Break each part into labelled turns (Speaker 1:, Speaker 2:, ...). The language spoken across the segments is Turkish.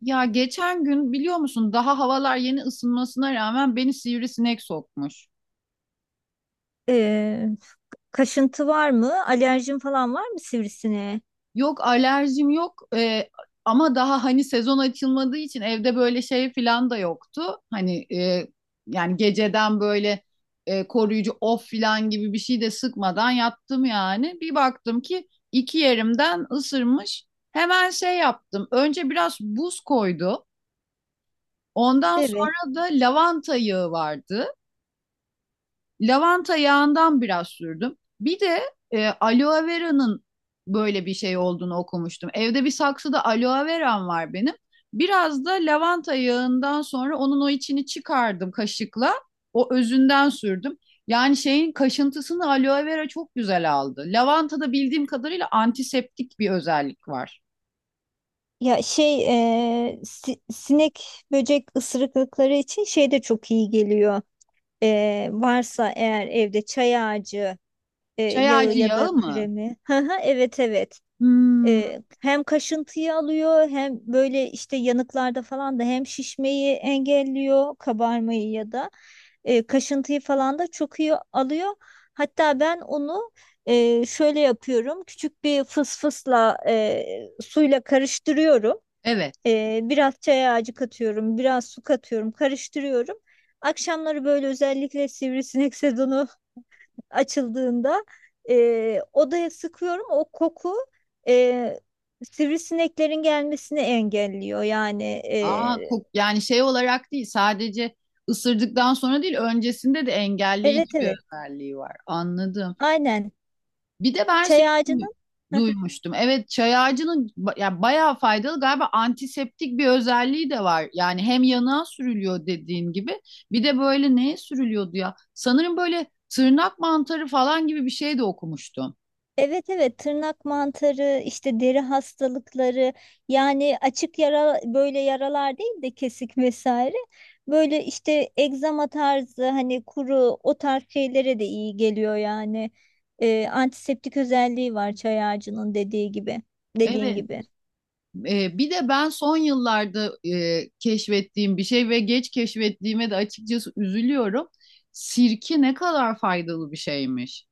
Speaker 1: Ya geçen gün biliyor musun daha havalar yeni ısınmasına rağmen beni sivrisinek sokmuş.
Speaker 2: Ee, Kaşıntı var mı? Alerjin falan var mı sivrisineğe?
Speaker 1: Yok alerjim yok, ama daha hani sezon açılmadığı için evde böyle şey filan da yoktu. Hani yani geceden böyle koruyucu of filan gibi bir şey de sıkmadan yattım yani. Bir baktım ki iki yerimden ısırmış. Hemen şey yaptım. Önce biraz buz koydu. Ondan
Speaker 2: Evet.
Speaker 1: sonra da lavanta yağı vardı. Lavanta yağından biraz sürdüm. Bir de aloe vera'nın böyle bir şey olduğunu okumuştum. Evde bir saksıda aloe veram var benim. Biraz da lavanta yağından sonra onun o içini çıkardım kaşıkla. O özünden sürdüm. Yani şeyin kaşıntısını aloe vera çok güzel aldı. Lavantada bildiğim kadarıyla antiseptik bir özellik var.
Speaker 2: Ya şey Sinek böcek ısırıklıkları için şey de çok iyi geliyor. Varsa eğer evde çay ağacı
Speaker 1: Çay
Speaker 2: yağı
Speaker 1: ağacı
Speaker 2: ya da
Speaker 1: yağı mı?
Speaker 2: kremi. Hı hı, evet evet.
Speaker 1: Hmm,
Speaker 2: Hem kaşıntıyı alıyor hem böyle işte yanıklarda falan da hem şişmeyi engelliyor kabarmayı ya da kaşıntıyı falan da çok iyi alıyor. Hatta ben onu şöyle yapıyorum, küçük bir fısfısla suyla karıştırıyorum.
Speaker 1: evet.
Speaker 2: Biraz çay ağacı katıyorum, biraz su katıyorum, karıştırıyorum. Akşamları böyle özellikle sivrisinek sezonu açıldığında odaya sıkıyorum. O koku e, sivrisineklerin gelmesini engelliyor.
Speaker 1: Aa, kok yani şey olarak değil sadece ısırdıktan sonra değil öncesinde de
Speaker 2: Evet
Speaker 1: engelleyici bir
Speaker 2: evet,
Speaker 1: özelliği var. Anladım.
Speaker 2: aynen.
Speaker 1: Bir de ben şey
Speaker 2: Çay ağacının
Speaker 1: duymuştum. Evet çay ağacının ya bayağı faydalı galiba antiseptik bir özelliği de var. Yani hem yanığa sürülüyor dediğin gibi bir de böyle neye sürülüyordu ya? Sanırım böyle tırnak mantarı falan gibi bir şey de okumuştum.
Speaker 2: evet evet, tırnak mantarı, işte deri hastalıkları, yani açık yara, böyle yaralar değil de kesik vesaire, böyle işte egzama tarzı, hani kuru, o tarz şeylere de iyi geliyor yani. Antiseptik özelliği var çay ağacının, dediğin
Speaker 1: Evet.
Speaker 2: gibi.
Speaker 1: Bir de ben son yıllarda keşfettiğim bir şey ve geç keşfettiğime de açıkçası üzülüyorum. Sirke ne kadar faydalı bir şeymiş.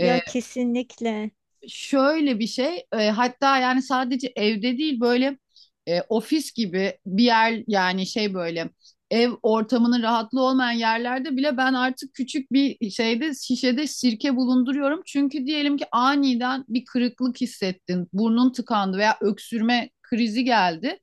Speaker 1: E,
Speaker 2: kesinlikle.
Speaker 1: Şöyle bir şey, hatta yani sadece evde değil böyle ofis gibi bir yer yani şey böyle ev ortamının rahatlığı olmayan yerlerde bile ben artık küçük bir şeyde şişede sirke bulunduruyorum. Çünkü diyelim ki aniden bir kırıklık hissettin, burnun tıkandı veya öksürme krizi geldi.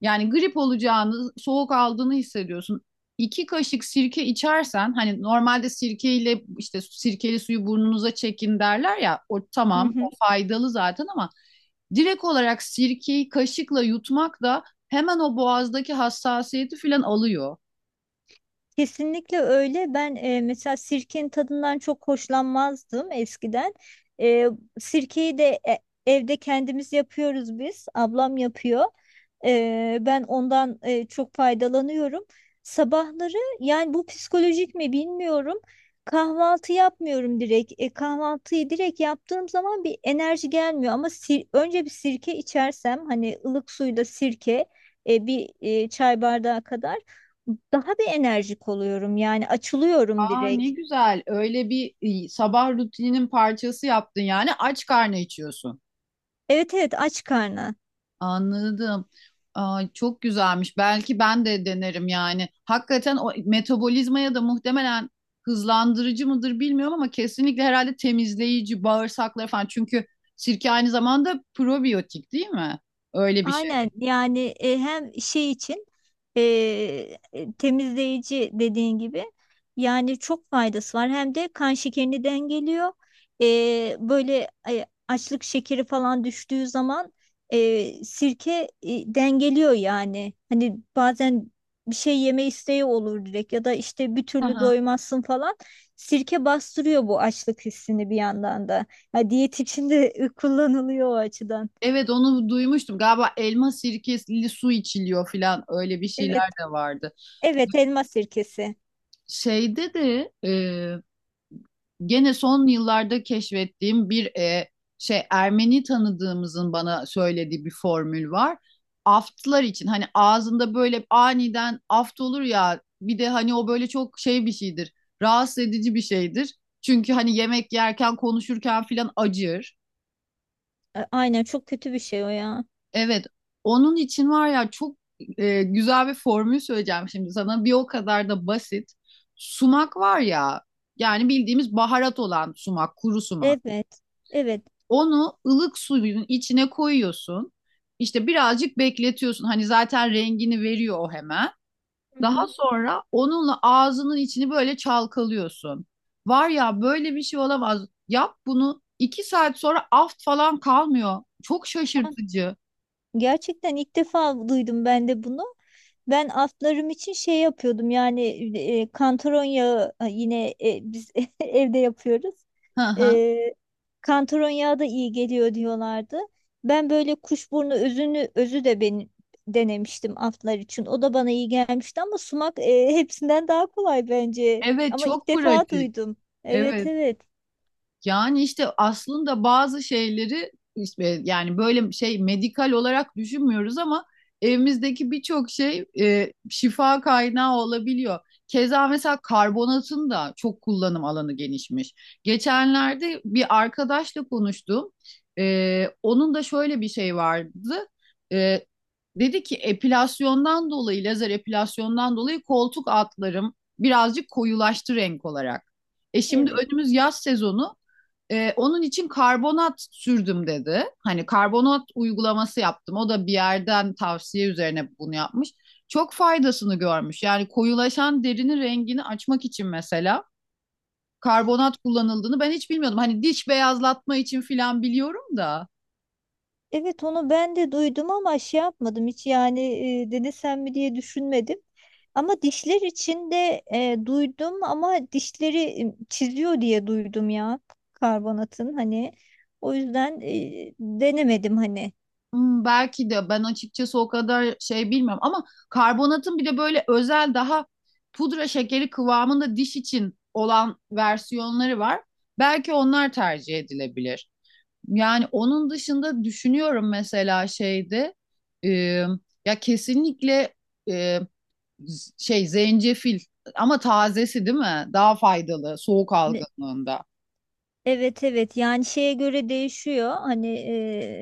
Speaker 1: Yani grip olacağını, soğuk aldığını hissediyorsun. İki kaşık sirke içersen hani normalde sirkeyle işte sirkeli suyu burnunuza çekin derler ya o
Speaker 2: Hı
Speaker 1: tamam
Speaker 2: hı.
Speaker 1: faydalı zaten ama direkt olarak sirkeyi kaşıkla yutmak da hemen o boğazdaki hassasiyeti filan alıyor.
Speaker 2: Kesinlikle öyle. Ben mesela sirkenin tadından çok hoşlanmazdım eskiden. E, Sirkeyi de evde kendimiz yapıyoruz biz. Ablam yapıyor. Ben ondan çok faydalanıyorum. Sabahları, yani bu psikolojik mi bilmiyorum. Kahvaltı yapmıyorum direkt. Kahvaltıyı direkt yaptığım zaman bir enerji gelmiyor, ama önce bir sirke içersem, hani ılık suyla sirke, bir çay bardağı kadar, daha bir enerjik oluyorum. Yani açılıyorum
Speaker 1: Aa
Speaker 2: direkt.
Speaker 1: ne güzel. Öyle bir sabah rutininin parçası yaptın yani aç karnı içiyorsun.
Speaker 2: Evet evet, aç karnı.
Speaker 1: Anladım. Aa, çok güzelmiş. Belki ben de denerim yani. Hakikaten o metabolizmaya da muhtemelen hızlandırıcı mıdır bilmiyorum ama kesinlikle herhalde temizleyici, bağırsakları falan. Çünkü sirke aynı zamanda probiyotik değil mi? Öyle bir şey.
Speaker 2: Aynen, yani hem şey için, e, temizleyici dediğin gibi, yani çok faydası var. Hem de kan şekerini dengeliyor. Böyle açlık şekeri falan düştüğü zaman sirke dengeliyor yani. Hani bazen bir şey yeme isteği olur direkt, ya da işte bir türlü doymazsın falan. Sirke bastırıyor bu açlık hissini bir yandan da. Ha, diyet için de kullanılıyor o açıdan.
Speaker 1: Evet onu duymuştum. Galiba elma sirkeli su içiliyor falan öyle bir
Speaker 2: Evet.
Speaker 1: şeyler de vardı.
Speaker 2: Evet, elma sirkesi.
Speaker 1: Şeyde de gene son yıllarda keşfettiğim bir şey Ermeni tanıdığımızın bana söylediği bir formül var. Aftlar için hani ağzında böyle aniden aft olur ya bir de hani o böyle çok şey bir şeydir. Rahatsız edici bir şeydir. Çünkü hani yemek yerken konuşurken filan acır.
Speaker 2: A- Aynen, çok kötü bir şey o ya.
Speaker 1: Evet, onun için var ya çok güzel bir formül söyleyeceğim şimdi sana. Bir o kadar da basit. Sumak var ya, yani bildiğimiz baharat olan sumak, kuru sumak.
Speaker 2: Evet. Evet.
Speaker 1: Onu ılık suyun içine koyuyorsun. İşte birazcık bekletiyorsun. Hani zaten rengini veriyor o hemen.
Speaker 2: Hı
Speaker 1: Daha
Speaker 2: hı.
Speaker 1: sonra onunla ağzının içini böyle çalkalıyorsun. Var ya böyle bir şey olamaz. Yap bunu iki saat sonra aft falan kalmıyor. Çok şaşırtıcı.
Speaker 2: Gerçekten ilk defa duydum ben de bunu. Ben atlarım için şey yapıyordum, yani kantaron yağı, biz evde yapıyoruz. E, Kantaron yağı da iyi geliyor diyorlardı. Ben böyle kuşburnu özü de ben denemiştim atlar için. O da bana iyi gelmişti, ama sumak, hepsinden daha kolay bence.
Speaker 1: Evet,
Speaker 2: Ama ilk
Speaker 1: çok
Speaker 2: defa
Speaker 1: pratik.
Speaker 2: duydum. Evet
Speaker 1: Evet.
Speaker 2: evet
Speaker 1: Yani işte aslında bazı şeyleri işte yani böyle şey medikal olarak düşünmüyoruz ama evimizdeki birçok şey şifa kaynağı olabiliyor. Keza mesela karbonatın da çok kullanım alanı genişmiş. Geçenlerde bir arkadaşla konuştum. E, onun da şöyle bir şey vardı. E, Dedi ki epilasyondan dolayı, lazer epilasyondan dolayı koltuk altlarım birazcık koyulaştı renk olarak. E şimdi
Speaker 2: evet.
Speaker 1: önümüz yaz sezonu. Onun için karbonat sürdüm dedi. Hani karbonat uygulaması yaptım. O da bir yerden tavsiye üzerine bunu yapmış. Çok faydasını görmüş. Yani koyulaşan derinin rengini açmak için mesela karbonat kullanıldığını ben hiç bilmiyordum. Hani diş beyazlatma için filan biliyorum da.
Speaker 2: Evet, onu ben de duydum ama şey yapmadım hiç, yani denesem mi diye düşünmedim. Ama dişler için de duydum, ama dişleri çiziyor diye duydum ya, karbonatın hani. O yüzden denemedim hani.
Speaker 1: Hmm, belki de ben açıkçası o kadar şey bilmiyorum ama karbonatın bir de böyle özel daha pudra şekeri kıvamında diş için olan versiyonları var. Belki onlar tercih edilebilir. Yani onun dışında düşünüyorum mesela şeyde e, ya kesinlikle e, şey zencefil ama tazesi değil mi? Daha faydalı soğuk algınlığında.
Speaker 2: Evet evet, yani şeye göre değişiyor hani.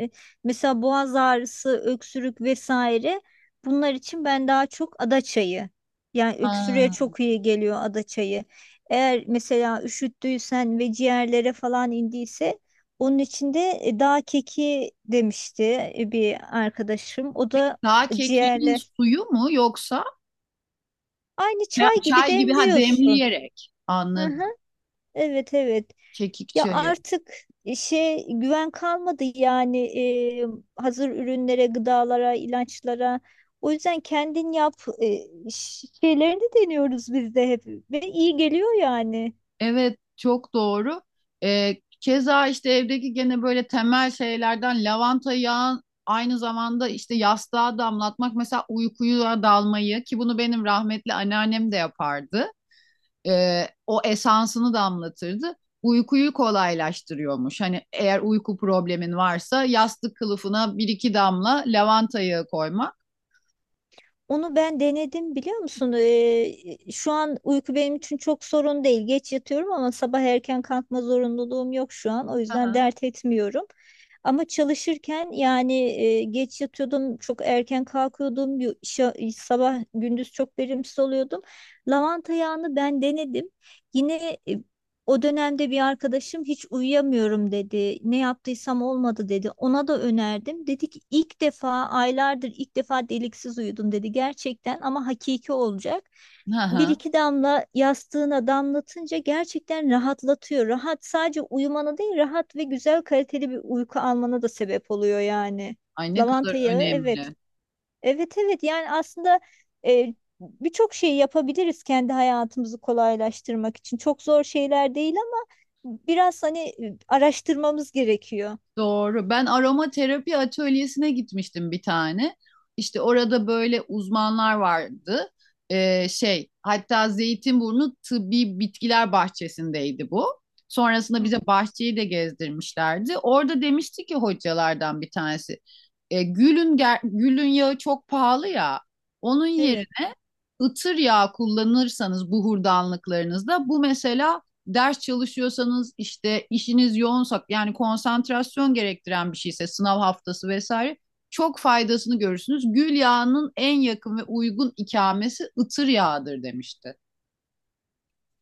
Speaker 2: e, Mesela boğaz ağrısı, öksürük vesaire, bunlar için ben daha çok ada çayı, yani öksürüğe
Speaker 1: Ha.
Speaker 2: çok iyi geliyor ada çayı. Eğer mesela üşüttüysen ve ciğerlere falan indiyse, onun için de dağ keki demişti bir arkadaşım, o
Speaker 1: Peki
Speaker 2: da
Speaker 1: daha kekiğin
Speaker 2: ciğerler,
Speaker 1: suyu mu yoksa
Speaker 2: aynı çay gibi
Speaker 1: çay gibi ha
Speaker 2: demliyorsun.
Speaker 1: demleyerek.
Speaker 2: Hı
Speaker 1: Anladım.
Speaker 2: hı. Evet evet.
Speaker 1: Kekik
Speaker 2: Ya
Speaker 1: çayı.
Speaker 2: artık şey güven kalmadı yani e, hazır ürünlere, gıdalara, ilaçlara. O yüzden kendin yap e, şeylerini deniyoruz biz de hep, ve iyi geliyor yani.
Speaker 1: Evet, çok doğru. Ee, keza işte evdeki gene böyle temel şeylerden lavanta yağı aynı zamanda işte yastığa damlatmak mesela uykuya dalmayı ki bunu benim rahmetli anneannem de yapardı. O esansını damlatırdı. Uykuyu kolaylaştırıyormuş. Hani eğer uyku problemin varsa yastık kılıfına bir iki damla lavanta yağı koymak.
Speaker 2: Onu ben denedim, biliyor musun? Şu an uyku benim için çok sorun değil. Geç yatıyorum ama sabah erken kalkma zorunluluğum yok şu an. O
Speaker 1: Hı
Speaker 2: yüzden
Speaker 1: hı.
Speaker 2: dert etmiyorum. Ama çalışırken, yani geç yatıyordum, çok erken kalkıyordum. Sabah gündüz çok verimsiz oluyordum. Lavanta yağını ben denedim. Yine o dönemde bir arkadaşım, hiç uyuyamıyorum dedi, ne yaptıysam olmadı dedi. Ona da önerdim. Dedi ki ilk defa, aylardır ilk defa deliksiz uyudum dedi. Gerçekten, ama hakiki olacak.
Speaker 1: Hı
Speaker 2: Bir
Speaker 1: hı.
Speaker 2: iki damla yastığına damlatınca gerçekten rahatlatıyor. Rahat sadece uyumana değil, rahat ve güzel kaliteli bir uyku almana da sebep oluyor yani.
Speaker 1: Ay ne kadar
Speaker 2: Lavanta yağı, evet.
Speaker 1: önemli.
Speaker 2: Evet evet, yani aslında e, birçok şeyi yapabiliriz kendi hayatımızı kolaylaştırmak için. Çok zor şeyler değil, ama biraz hani araştırmamız gerekiyor.
Speaker 1: Doğru. Ben aromaterapi atölyesine gitmiştim bir tane. İşte orada böyle uzmanlar vardı. Şey, hatta Zeytinburnu Tıbbi Bitkiler Bahçesi'ndeydi bu. Sonrasında bize bahçeyi de gezdirmişlerdi. Orada demişti ki hocalardan bir tanesi, gülün gülün yağı çok pahalı ya. Onun
Speaker 2: Evet.
Speaker 1: yerine ıtır yağı kullanırsanız buhurdanlıklarınızda bu mesela ders çalışıyorsanız işte işiniz yoğunsa yani konsantrasyon gerektiren bir şeyse sınav haftası vesaire çok faydasını görürsünüz. Gül yağının en yakın ve uygun ikamesi ıtır yağıdır demişti.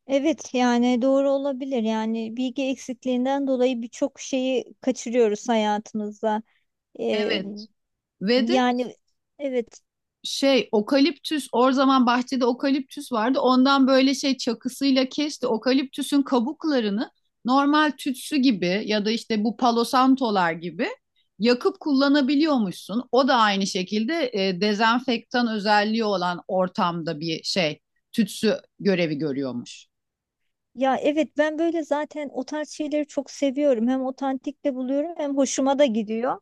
Speaker 2: Evet, yani doğru olabilir. Yani bilgi eksikliğinden dolayı birçok şeyi kaçırıyoruz hayatımızda. Ee,
Speaker 1: Evet. Ve de
Speaker 2: Yani evet.
Speaker 1: şey okaliptüs o zaman bahçede okaliptüs vardı. Ondan böyle şey çakısıyla kesti. Okaliptüsün kabuklarını normal tütsü gibi ya da işte bu palosantolar gibi yakıp kullanabiliyormuşsun. O da aynı şekilde dezenfektan özelliği olan ortamda bir şey tütsü görevi görüyormuş.
Speaker 2: Ya evet, ben böyle zaten o tarz şeyleri çok seviyorum. Hem otantik de buluyorum, hem hoşuma da gidiyor.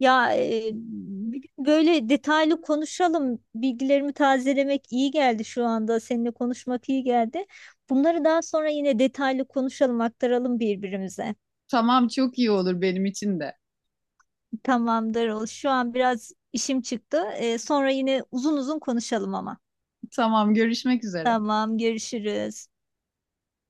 Speaker 2: Ya bir gün böyle detaylı konuşalım. Bilgilerimi tazelemek iyi geldi şu anda. Seninle konuşmak iyi geldi. Bunları daha sonra yine detaylı konuşalım, aktaralım birbirimize.
Speaker 1: Tamam çok iyi olur benim için de.
Speaker 2: Tamamdır. Şu an biraz işim çıktı. Sonra yine uzun uzun konuşalım ama.
Speaker 1: Tamam görüşmek üzere.
Speaker 2: Tamam, görüşürüz.